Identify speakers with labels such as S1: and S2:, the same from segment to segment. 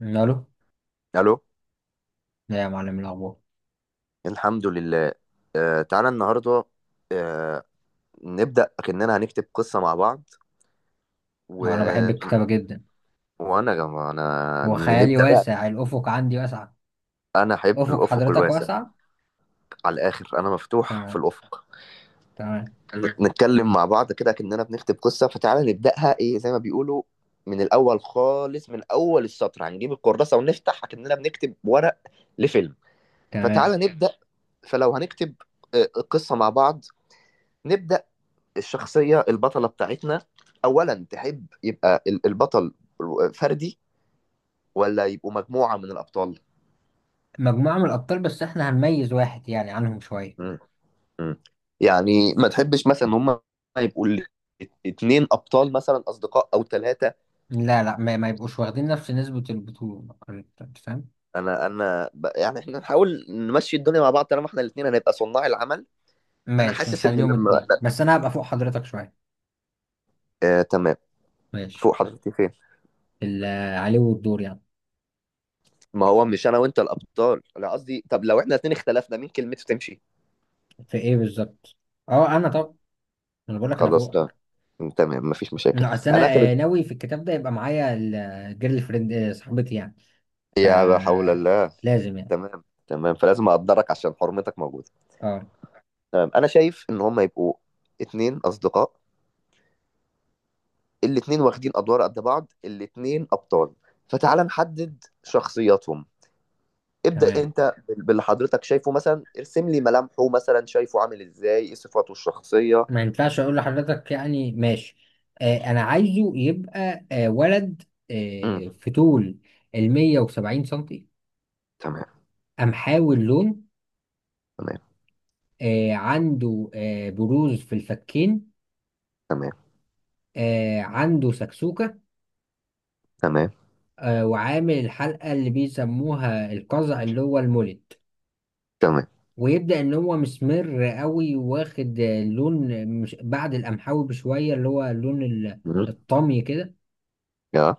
S1: الو.
S2: الو.
S1: لا يا معلم، إيه الاخبار؟
S2: الحمد لله. آه تعالى النهارده. آه. نبدا كاننا هنكتب قصه مع بعض و...
S1: هو انا بحب الكتابه جدا.
S2: وانا يا جماعه انا
S1: هو خيالي
S2: نبدا بقى.
S1: واسع، الافق عندي واسع.
S2: انا احب
S1: افق
S2: الافق
S1: حضرتك
S2: الواسع
S1: واسع.
S2: على الاخر، انا مفتوح في
S1: تمام.
S2: الافق.
S1: تمام.
S2: نتكلم مع بعض كده كاننا بنكتب قصه، فتعالى نبداها، ايه زي ما بيقولوا من الاول خالص، من اول السطر هنجيب الكراسه ونفتح كاننا بنكتب ورق لفيلم.
S1: تمام.
S2: فتعالى نبدا. فلو هنكتب آه، قصه مع بعض، نبدا الشخصية البطلة بتاعتنا. أولا تحب يبقى البطل فردي ولا يبقوا مجموعة من الأبطال؟
S1: مجموعه من الابطال، بس احنا هنميز واحد يعني عنهم شويه.
S2: مم. مم. يعني ما تحبش مثلا هم يبقوا اتنين أبطال مثلا أصدقاء أو ثلاثة؟
S1: لا، لا، ما يبقوش واخدين نفس نسبه البطوله. أنت فاهم؟
S2: أنا يعني إحنا نحاول نمشي الدنيا مع بعض طالما إحنا الاتنين هنبقى صناع العمل. أنا
S1: ماشي،
S2: حاسس إن
S1: نخليهم
S2: لما.
S1: اتنين بس انا هبقى فوق حضرتك شويه.
S2: آه تمام.
S1: ماشي.
S2: فوق حضرتك فين؟
S1: ال- عليه والدور يعني.
S2: ما هو مش أنا وأنت الأبطال؟ أنا قصدي، طب لو إحنا الاتنين اختلفنا مين كلمته تمشي؟
S1: في ايه بالظبط؟ اه، انا طب، انا بقول لك انا
S2: خلاص ده،
S1: فوقك.
S2: تمام مفيش مشاكل.
S1: لا، اصل
S2: انا
S1: انا
S2: كانت،
S1: ناوي في الكتاب ده يبقى معايا الجيرل فريند، صاحبتي يعني.
S2: يا لا حول الله.
S1: فلازم يعني.
S2: تمام تمام، فلازم اقدرك عشان حرمتك موجوده.
S1: اه،
S2: تمام، انا شايف ان هم يبقوا اتنين اصدقاء، الاتنين واخدين ادوار قد بعض، الاتنين ابطال. فتعال نحدد شخصياتهم. ابدأ
S1: تمام.
S2: انت باللي حضرتك شايفه، مثلا ارسم لي ملامحه، مثلا شايفه عامل ازاي، ايه صفاته الشخصيه؟
S1: ما ينفعش اقول لحضرتك يعني، ماشي. انا عايزه يبقى ولد.
S2: امم.
S1: في طول ال 170 سنتي.
S2: تمام.
S1: قمحاوي اللون.
S2: تمام.
S1: عنده بروز في الفكين.
S2: تمام.
S1: عنده سكسوكة.
S2: تمام.
S1: وعامل الحلقة اللي بيسموها القزع اللي هو المولد.
S2: تمام.
S1: ويبدأ ان هو مسمر قوي، واخد لون مش بعد القمحاوي بشوية، اللي هو اللون
S2: امم.
S1: الطمي كده.
S2: يا.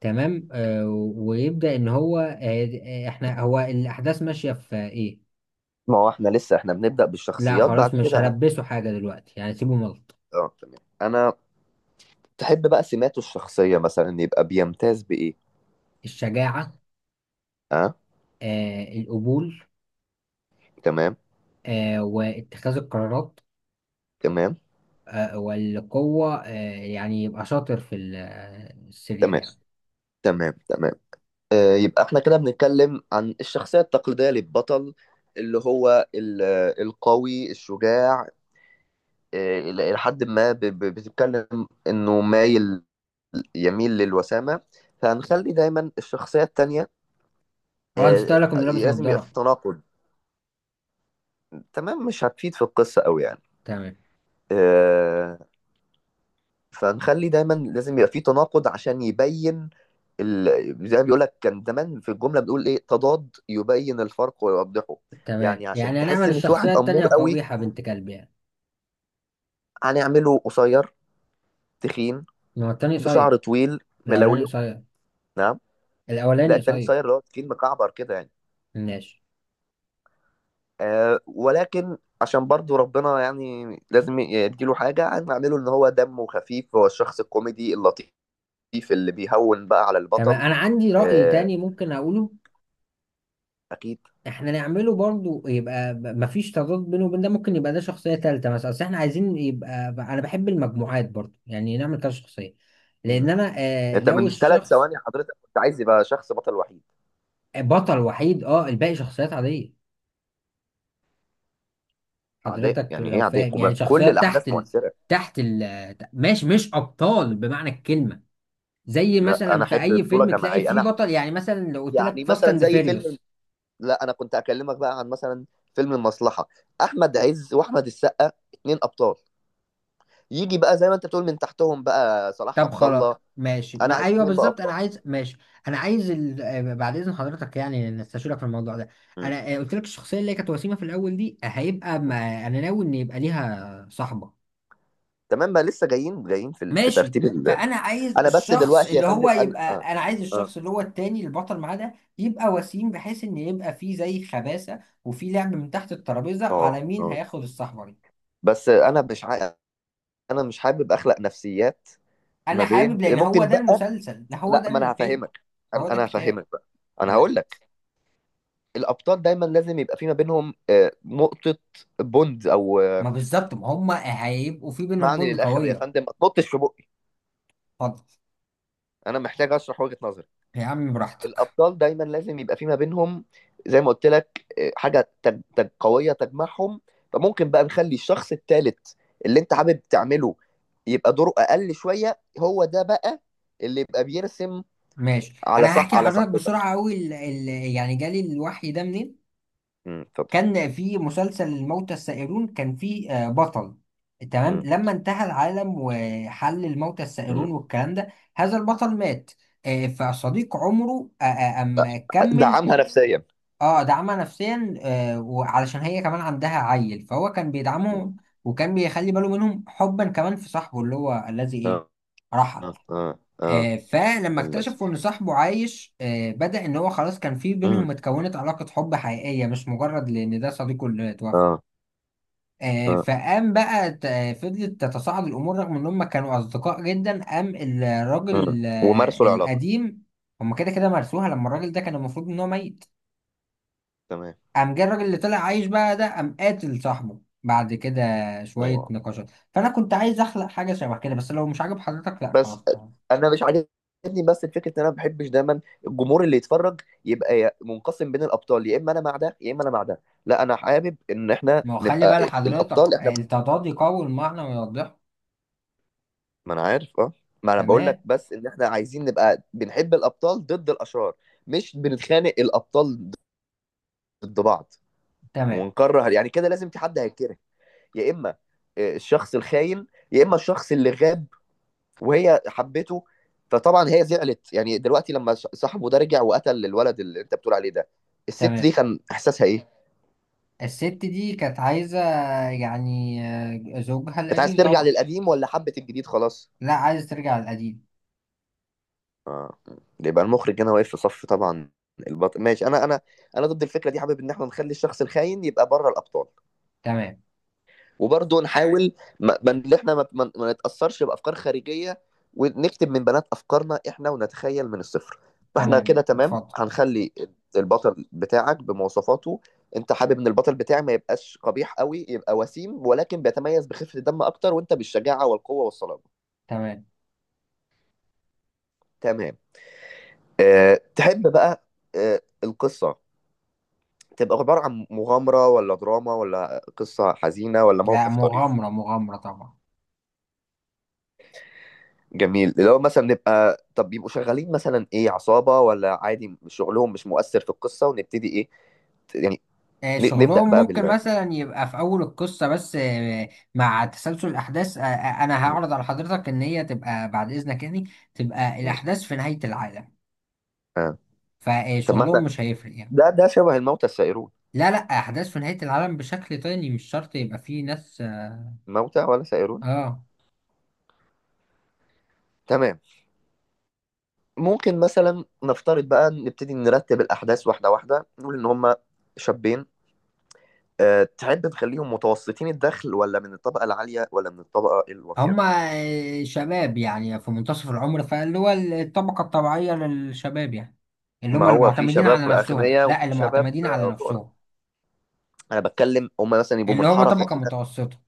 S1: تمام. ويبدأ ان هو احنا هو الاحداث ماشية في ايه؟
S2: ما هو احنا لسه احنا بنبدأ
S1: لا،
S2: بالشخصيات،
S1: خلاص،
S2: بعد
S1: مش
S2: كده
S1: هلبسه حاجة دلوقتي يعني، سيبه ملط.
S2: اه تمام انا. تحب بقى سماته الشخصية مثلا يبقى بيمتاز بإيه؟
S1: الشجاعة.
S2: أه.
S1: القبول.
S2: تمام.
S1: واتخاذ القرارات.
S2: تمام.
S1: والقوة. يعني يبقى شاطر في السرير
S2: تمام.
S1: يعني.
S2: تمام. تمام. يبقى احنا كده بنتكلم عن الشخصية التقليدية للبطل، اللي هو القوي الشجاع. إلى حد ما بتتكلم إنه مايل، يميل للوسامة. فهنخلي دايما الشخصية التانية،
S1: اه، نسيت
S2: آه،
S1: اقول لك انه لابس
S2: لازم يبقى في
S1: نظارة.
S2: تناقض. تمام مش هتفيد في القصة أوي يعني.
S1: تمام.
S2: آه، فنخلي دايما لازم يبقى في تناقض عشان يبين زي ما بيقول لك كان زمان في الجمله بنقول ايه، تضاد يبين الفرق ويوضحه.
S1: تمام.
S2: يعني عشان
S1: يعني
S2: تحس
S1: هنعمل
S2: ان في واحد
S1: الشخصية التانية
S2: امور قوي
S1: قبيحة بنت كلب يعني.
S2: هنعمله قصير، تخين،
S1: ما هو التاني
S2: بشعر
S1: قصير.
S2: طويل،
S1: الأولاني
S2: ملولو.
S1: قصير.
S2: نعم؟ لا
S1: الأولاني
S2: التاني
S1: قصير.
S2: قصير، اللي هو تخين مكعبر كده يعني.
S1: ماشي.
S2: آه ولكن عشان برضو ربنا يعني لازم يديله حاجة، هنعمله ان هو دمه خفيف، هو الشخص الكوميدي اللطيف اللي بيهون بقى على
S1: تمام.
S2: البطل.
S1: أنا عندي رأي
S2: آه
S1: تاني ممكن أقوله.
S2: اكيد.
S1: احنا نعمله برضو يبقى مفيش تضاد بينه وبين ده، ممكن يبقى ده شخصية تالتة مثلا، اصل احنا عايزين يبقى انا بحب المجموعات برضو يعني نعمل كذا شخصية. لان انا
S2: انت
S1: ناوي
S2: من ثلاث
S1: الشخص.
S2: ثواني حضرتك كنت عايز يبقى شخص بطل وحيد.
S1: بطل وحيد، اه، الباقي شخصيات عادية.
S2: عداء
S1: حضرتك
S2: يعني
S1: لو
S2: ايه؟ عداء
S1: فاهم،
S2: يبقى
S1: يعني
S2: في كل
S1: شخصيات تحت
S2: الاحداث مؤثره؟
S1: تحت ماشي، مش ابطال بمعنى الكلمة. زي
S2: لا
S1: مثلا
S2: انا
S1: في
S2: احب
S1: اي
S2: بطوله
S1: فيلم تلاقي
S2: جماعيه
S1: فيه
S2: انا.
S1: بطل، يعني مثلا لو قلت
S2: يعني
S1: لك فاست
S2: مثلا
S1: اند
S2: زي فيلم،
S1: فيريوس.
S2: لا انا كنت اكلمك بقى عن مثلا فيلم المصلحه، احمد عز واحمد السقا اتنين ابطال، يجي بقى زي ما انت بتقول من تحتهم بقى صلاح
S1: طب،
S2: عبد
S1: خلاص.
S2: الله.
S1: ماشي،
S2: انا
S1: ما
S2: عايز
S1: ايوه
S2: اتنين بقى
S1: بالظبط، انا
S2: ابطال.
S1: عايز، ماشي. انا عايز ال... آه، بعد اذن حضرتك يعني نستشيرك في الموضوع ده.
S2: م-
S1: انا قلت لك الشخصيه اللي هي كانت وسيمه في الاول دي، هيبقى
S2: م.
S1: ما... انا ناوي ان يبقى ليها صاحبه.
S2: تمام بقى، لسه جايين جايين في
S1: ماشي.
S2: ترتيب
S1: فانا عايز
S2: انا بس
S1: الشخص
S2: دلوقتي يا
S1: اللي
S2: فندم
S1: هو
S2: انا
S1: يبقى.
S2: اه
S1: انا عايز
S2: اه
S1: الشخص اللي هو التاني البطل معاه ده يبقى وسيم، بحيث ان يبقى فيه زي خباثه وفي لعب من تحت الترابيزه
S2: اه.
S1: على مين
S2: آه.
S1: هياخد الصحبه دي.
S2: بس انا مش عا... انا مش حابب اخلق نفسيات.
S1: انا
S2: ما بين
S1: حابب، لان هو
S2: ممكن
S1: ده
S2: بقى،
S1: المسلسل، ده هو
S2: لا
S1: ده
S2: ما انا
S1: الفيلم.
S2: هفهمك. انا
S1: هو ده
S2: أنا
S1: الكتاب
S2: هفهمك بقى. انا
S1: كمان.
S2: هقول لك. الابطال دايما لازم يبقى في ما بينهم نقطه بوند او
S1: ما بالظبط، ما هم هيبقوا في بينهم
S2: معني
S1: بوند
S2: للاخر، يا
S1: قوية.
S2: فندم ما تنطش في بقي.
S1: اتفضل.
S2: انا محتاج اشرح وجهه نظري.
S1: يا عم براحتك.
S2: الابطال دايما لازم يبقى في ما بينهم زي ما قلت لك حاجه قويه تجمعهم. فممكن بقى نخلي الشخص الثالث اللي انت حابب تعمله يبقى دوره اقل شويه، هو ده بقى اللي يبقى بيرسم.
S1: ماشي،
S2: على
S1: انا
S2: صح،
S1: هحكي
S2: على
S1: لحضرتك
S2: صاحبتك.
S1: بسرعة قوي يعني جالي الوحي ده منين.
S2: امم، اتفضل.
S1: كان في مسلسل الموتى السائرون، كان في بطل. تمام.
S2: مم،
S1: لما انتهى العالم وحل الموتى السائرون
S2: مم.
S1: والكلام ده، هذا البطل مات. فصديق عمره أم كمل.
S2: دعمها نفسيا.
S1: اه، دعمها نفسيا. وعلشان هي كمان عندها عيل فهو كان بيدعمهم. وكان بيخلي باله منهم حبا كمان في صاحبه اللي هو الذي ايه،
S2: اه
S1: رحل.
S2: اه اه اه.
S1: فلما
S2: هندسة.
S1: اكتشفوا ان صاحبه عايش، بدأ ان هو خلاص كان في
S2: مم.
S1: بينهم، اتكونت علاقة حب حقيقية، مش مجرد لان ده صديقه اللي اتوفى.
S2: اه اه.
S1: فقام بقى فضلت تتصاعد الامور، رغم ان هم كانوا اصدقاء جدا، قام الراجل
S2: مم. ومارسوا العلاقه.
S1: القديم. هم كده كده مرسوها لما الراجل ده كان المفروض ان هو ميت.
S2: تمام.
S1: قام جه الراجل اللي طلع عايش بقى ده، قام قاتل صاحبه بعد كده. شوية
S2: هو
S1: نقاشات، فأنا كنت عايز أخلق حاجة شبه كده، بس لو مش عاجب حضرتك لأ،
S2: بس
S1: خلاص، تمام.
S2: انا مش عاجبني، بس الفكره ان انا ما بحبش دايما الجمهور اللي يتفرج يبقى منقسم بين الابطال، يا اما انا مع ده يا اما انا مع ده. لا انا حابب ان احنا
S1: ما هو خلي
S2: نبقى
S1: بقى لحضرتك
S2: الابطال احنا.
S1: التضاد يقوي المعنى ويوضحه.
S2: ما انا عارف اه ما انا بقول لك
S1: تمام.
S2: بس ان احنا عايزين نبقى بنحب الابطال ضد الاشرار، مش بنتخانق الابطال ضد بعض.
S1: تمام.
S2: ونكره، يعني كده لازم في حد هيتكره، يا اما الشخص الخاين يا اما الشخص اللي غاب وهي حبته. فطبعا هي زعلت، يعني دلوقتي لما صاحبه ده رجع وقتل الولد اللي انت بتقول عليه ده، الست
S1: تمام.
S2: دي كان احساسها ايه؟
S1: الست دي كانت عايزة يعني زوجها
S2: كانت عايز
S1: القديم
S2: ترجع
S1: طبعا.
S2: للقديم ولا حبت الجديد خلاص؟
S1: لا، عايز ترجع للقديم.
S2: اه. يبقى المخرج هنا واقف في صف طبعا البطل، ماشي. انا انا انا ضد الفكره دي، حابب ان احنا نخلي الشخص الخاين يبقى بره الابطال.
S1: تمام.
S2: وبرضه نحاول ان احنا ما نتاثرش بافكار خارجيه، ونكتب من بنات افكارنا احنا، ونتخيل من الصفر. فاحنا كده
S1: تمام.
S2: تمام،
S1: اتفضل.
S2: هنخلي البطل بتاعك بمواصفاته. انت حابب ان البطل بتاعي ما يبقاش قبيح قوي، يبقى وسيم ولكن بيتميز بخفه الدم اكتر، وانت بالشجاعه والقوه والصلابه.
S1: تمام.
S2: تمام. تحب بقى القصه تبقى عباره عن مغامره، ولا دراما، ولا قصه حزينه، ولا
S1: لا،
S2: موقف طريف؟
S1: مغامرة مغامرة طبعا.
S2: جميل، اللي هو مثلا نبقى، طب بيبقوا شغالين مثلا ايه، عصابة ولا عادي شغلهم مش مؤثر في القصة، ونبتدي ايه؟ يعني نبدأ
S1: شغلهم
S2: بقى
S1: ممكن
S2: بال
S1: مثلا يبقى في أول القصة بس، مع تسلسل الأحداث أنا
S2: م-
S1: هعرض على حضرتك إن هي تبقى بعد إذنك يعني، تبقى
S2: م-
S1: الأحداث في نهاية العالم.
S2: آه. طب ما
S1: فشغلهم
S2: احنا،
S1: مش هيفرق يعني.
S2: ده شبه الموتى السائرون،
S1: لا، لا، أحداث في نهاية العالم بشكل تاني، مش شرط يبقى فيه ناس.
S2: الموتى ولا سائرون.
S1: آه.
S2: تمام. ممكن مثلا نفترض بقى نبتدي نرتب الأحداث واحدة واحدة، نقول إن هما شابين. أه تحب نخليهم متوسطين الدخل، ولا من الطبقة العالية، ولا من الطبقة الواطية؟
S1: هما شباب يعني في منتصف العمر، فاللي هو الطبقة الطبيعية للشباب يعني، اللي
S2: ما
S1: هما اللي
S2: هو في
S1: معتمدين على
S2: شباب
S1: نفسهم،
S2: أغنياء
S1: لا
S2: وفي
S1: اللي
S2: شباب
S1: معتمدين على
S2: فقراء.
S1: نفسهم.
S2: أنا بتكلم هما مثلا يبقوا
S1: اللي
S2: من
S1: هما
S2: حارة
S1: طبقة
S2: فقيرة.
S1: متوسطة.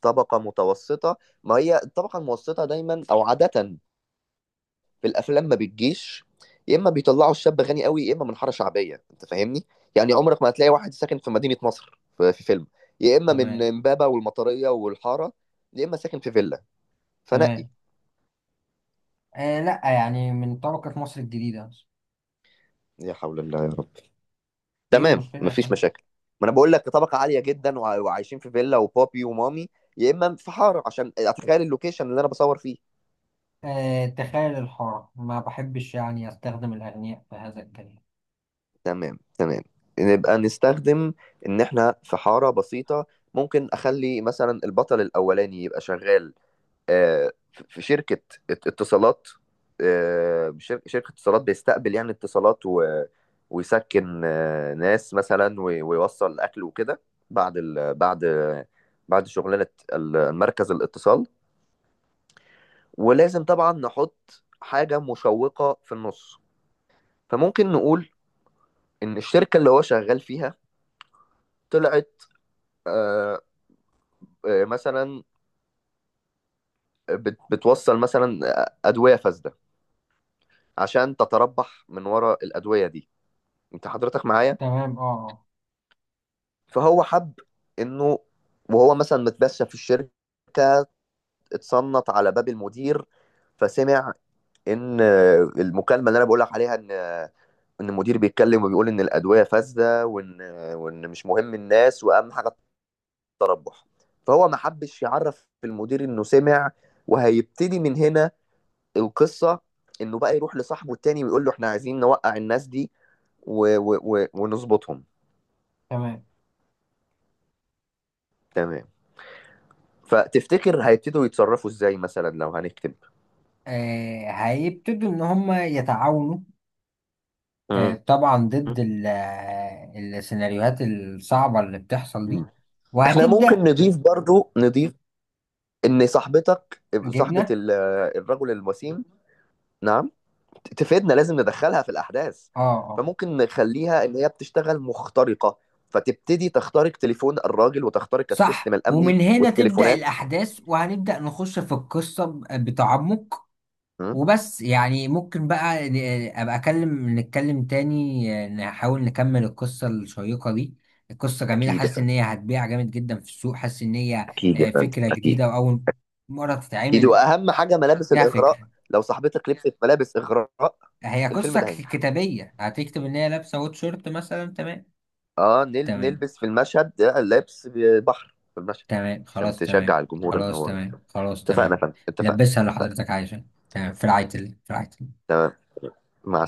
S2: طبقة متوسطة. ما هي الطبقة المتوسطة دايما أو عادة في الأفلام ما بتجيش، يا إما بيطلعوا الشاب غني قوي يا إما من حارة شعبية، أنت فاهمني؟ يعني عمرك ما هتلاقي واحد ساكن في مدينة نصر في في فيلم، يا إما من
S1: تمام.
S2: إمبابة والمطرية والحارة يا إما ساكن في فيلا فنقي.
S1: تمام. لا، يعني من طبقة مصر الجديدة.
S2: يا حول الله يا رب.
S1: ايه
S2: تمام
S1: المشكلة يا
S2: مفيش
S1: فندم؟
S2: مشاكل. ما أنا بقول لك طبقة عالية جدا وعايشين في فيلا وبابي ومامي، يا إما في حارة عشان أتخيل اللوكيشن اللي أنا بصور فيه.
S1: تخيل الحارة، ما بحبش يعني استخدم الأغنياء في هذا الكلام.
S2: تمام تمام. نبقى نستخدم ان احنا في حارة بسيطة. ممكن اخلي مثلا البطل الاولاني يبقى شغال في شركة اتصالات، شركة اتصالات بيستقبل يعني اتصالات ويسكن ناس مثلا ويوصل اكل وكده. بعد ال... بعد بعد شغلانة مركز الاتصال. ولازم طبعا نحط حاجة مشوقة في النص. فممكن نقول ان الشركة اللي هو شغال فيها طلعت آه، مثلا بتوصل مثلا أدوية فاسدة عشان تتربح من ورا الأدوية دي، أنت حضرتك معايا؟
S1: تمام. اه.
S2: فهو حب إنه، وهو مثلا متبشى في الشركة، اتصنت على باب المدير فسمع إن المكالمة اللي أنا بقولك عليها إن إن المدير بيتكلم وبيقول إن الأدوية فاسدة، وإن مش مهم الناس وأهم حاجة التربح. فهو ما حبش يعرف المدير إنه سمع. وهيبتدي من هنا القصة، انه بقى يروح لصاحبه التاني ويقول له احنا عايزين نوقع الناس دي ونظبطهم.
S1: تمام.
S2: تمام. فتفتكر هيبتدوا يتصرفوا ازاي مثلا لو هنكتب؟
S1: هيبتدوا إن هما يتعاونوا.
S2: مم.
S1: طبعا ضد السيناريوهات الصعبة اللي بتحصل دي.
S2: احنا ممكن
S1: وهتبدأ.
S2: نضيف برضو، نضيف ان صاحبتك، صاحبة
S1: جبنة.
S2: الرجل الوسيم، نعم، تفيدنا، لازم ندخلها في الاحداث.
S1: اه. اه.
S2: فممكن نخليها ان هي بتشتغل مخترقة، فتبتدي تخترق تليفون الراجل وتخترق السيستم
S1: صح،
S2: الامني
S1: ومن هنا تبدأ
S2: والتليفونات.
S1: الأحداث وهنبدأ نخش في القصة بتعمق.
S2: مم.
S1: وبس يعني ممكن بقى ابقى اكلم نتكلم تاني، نحاول نكمل القصة الشيقة دي. القصة جميلة،
S2: اكيد يا
S1: حاسس
S2: فندم،
S1: ان هي هتبيع جامد جدا في السوق، حاسس ان هي
S2: اكيد يا فندم،
S1: فكرة
S2: اكيد.
S1: جديدة واول مرة
S2: اكيد،
S1: تتعمل
S2: واهم حاجه ملابس
S1: فيها فكرة.
S2: الاغراء. لو صاحبتك لبست ملابس اغراء
S1: هي
S2: الفيلم
S1: قصة
S2: ده هينجح.
S1: كتابية هتكتب ان هي لابسة ووت شورت مثلا، تمام.
S2: اه
S1: تمام.
S2: نلبس في المشهد ده لبس بحر في المشهد،
S1: تمام.
S2: عشان
S1: خلاص.
S2: تشجع
S1: تمام.
S2: الجمهور ان
S1: خلاص.
S2: هو.
S1: تمام. خلاص.
S2: اتفقنا يا
S1: تمام.
S2: فندم اتفقنا.
S1: لبسها اللي
S2: اتفقنا.
S1: حضرتك عايزة. تمام، في رعاية الله، في رعاية الله.
S2: مع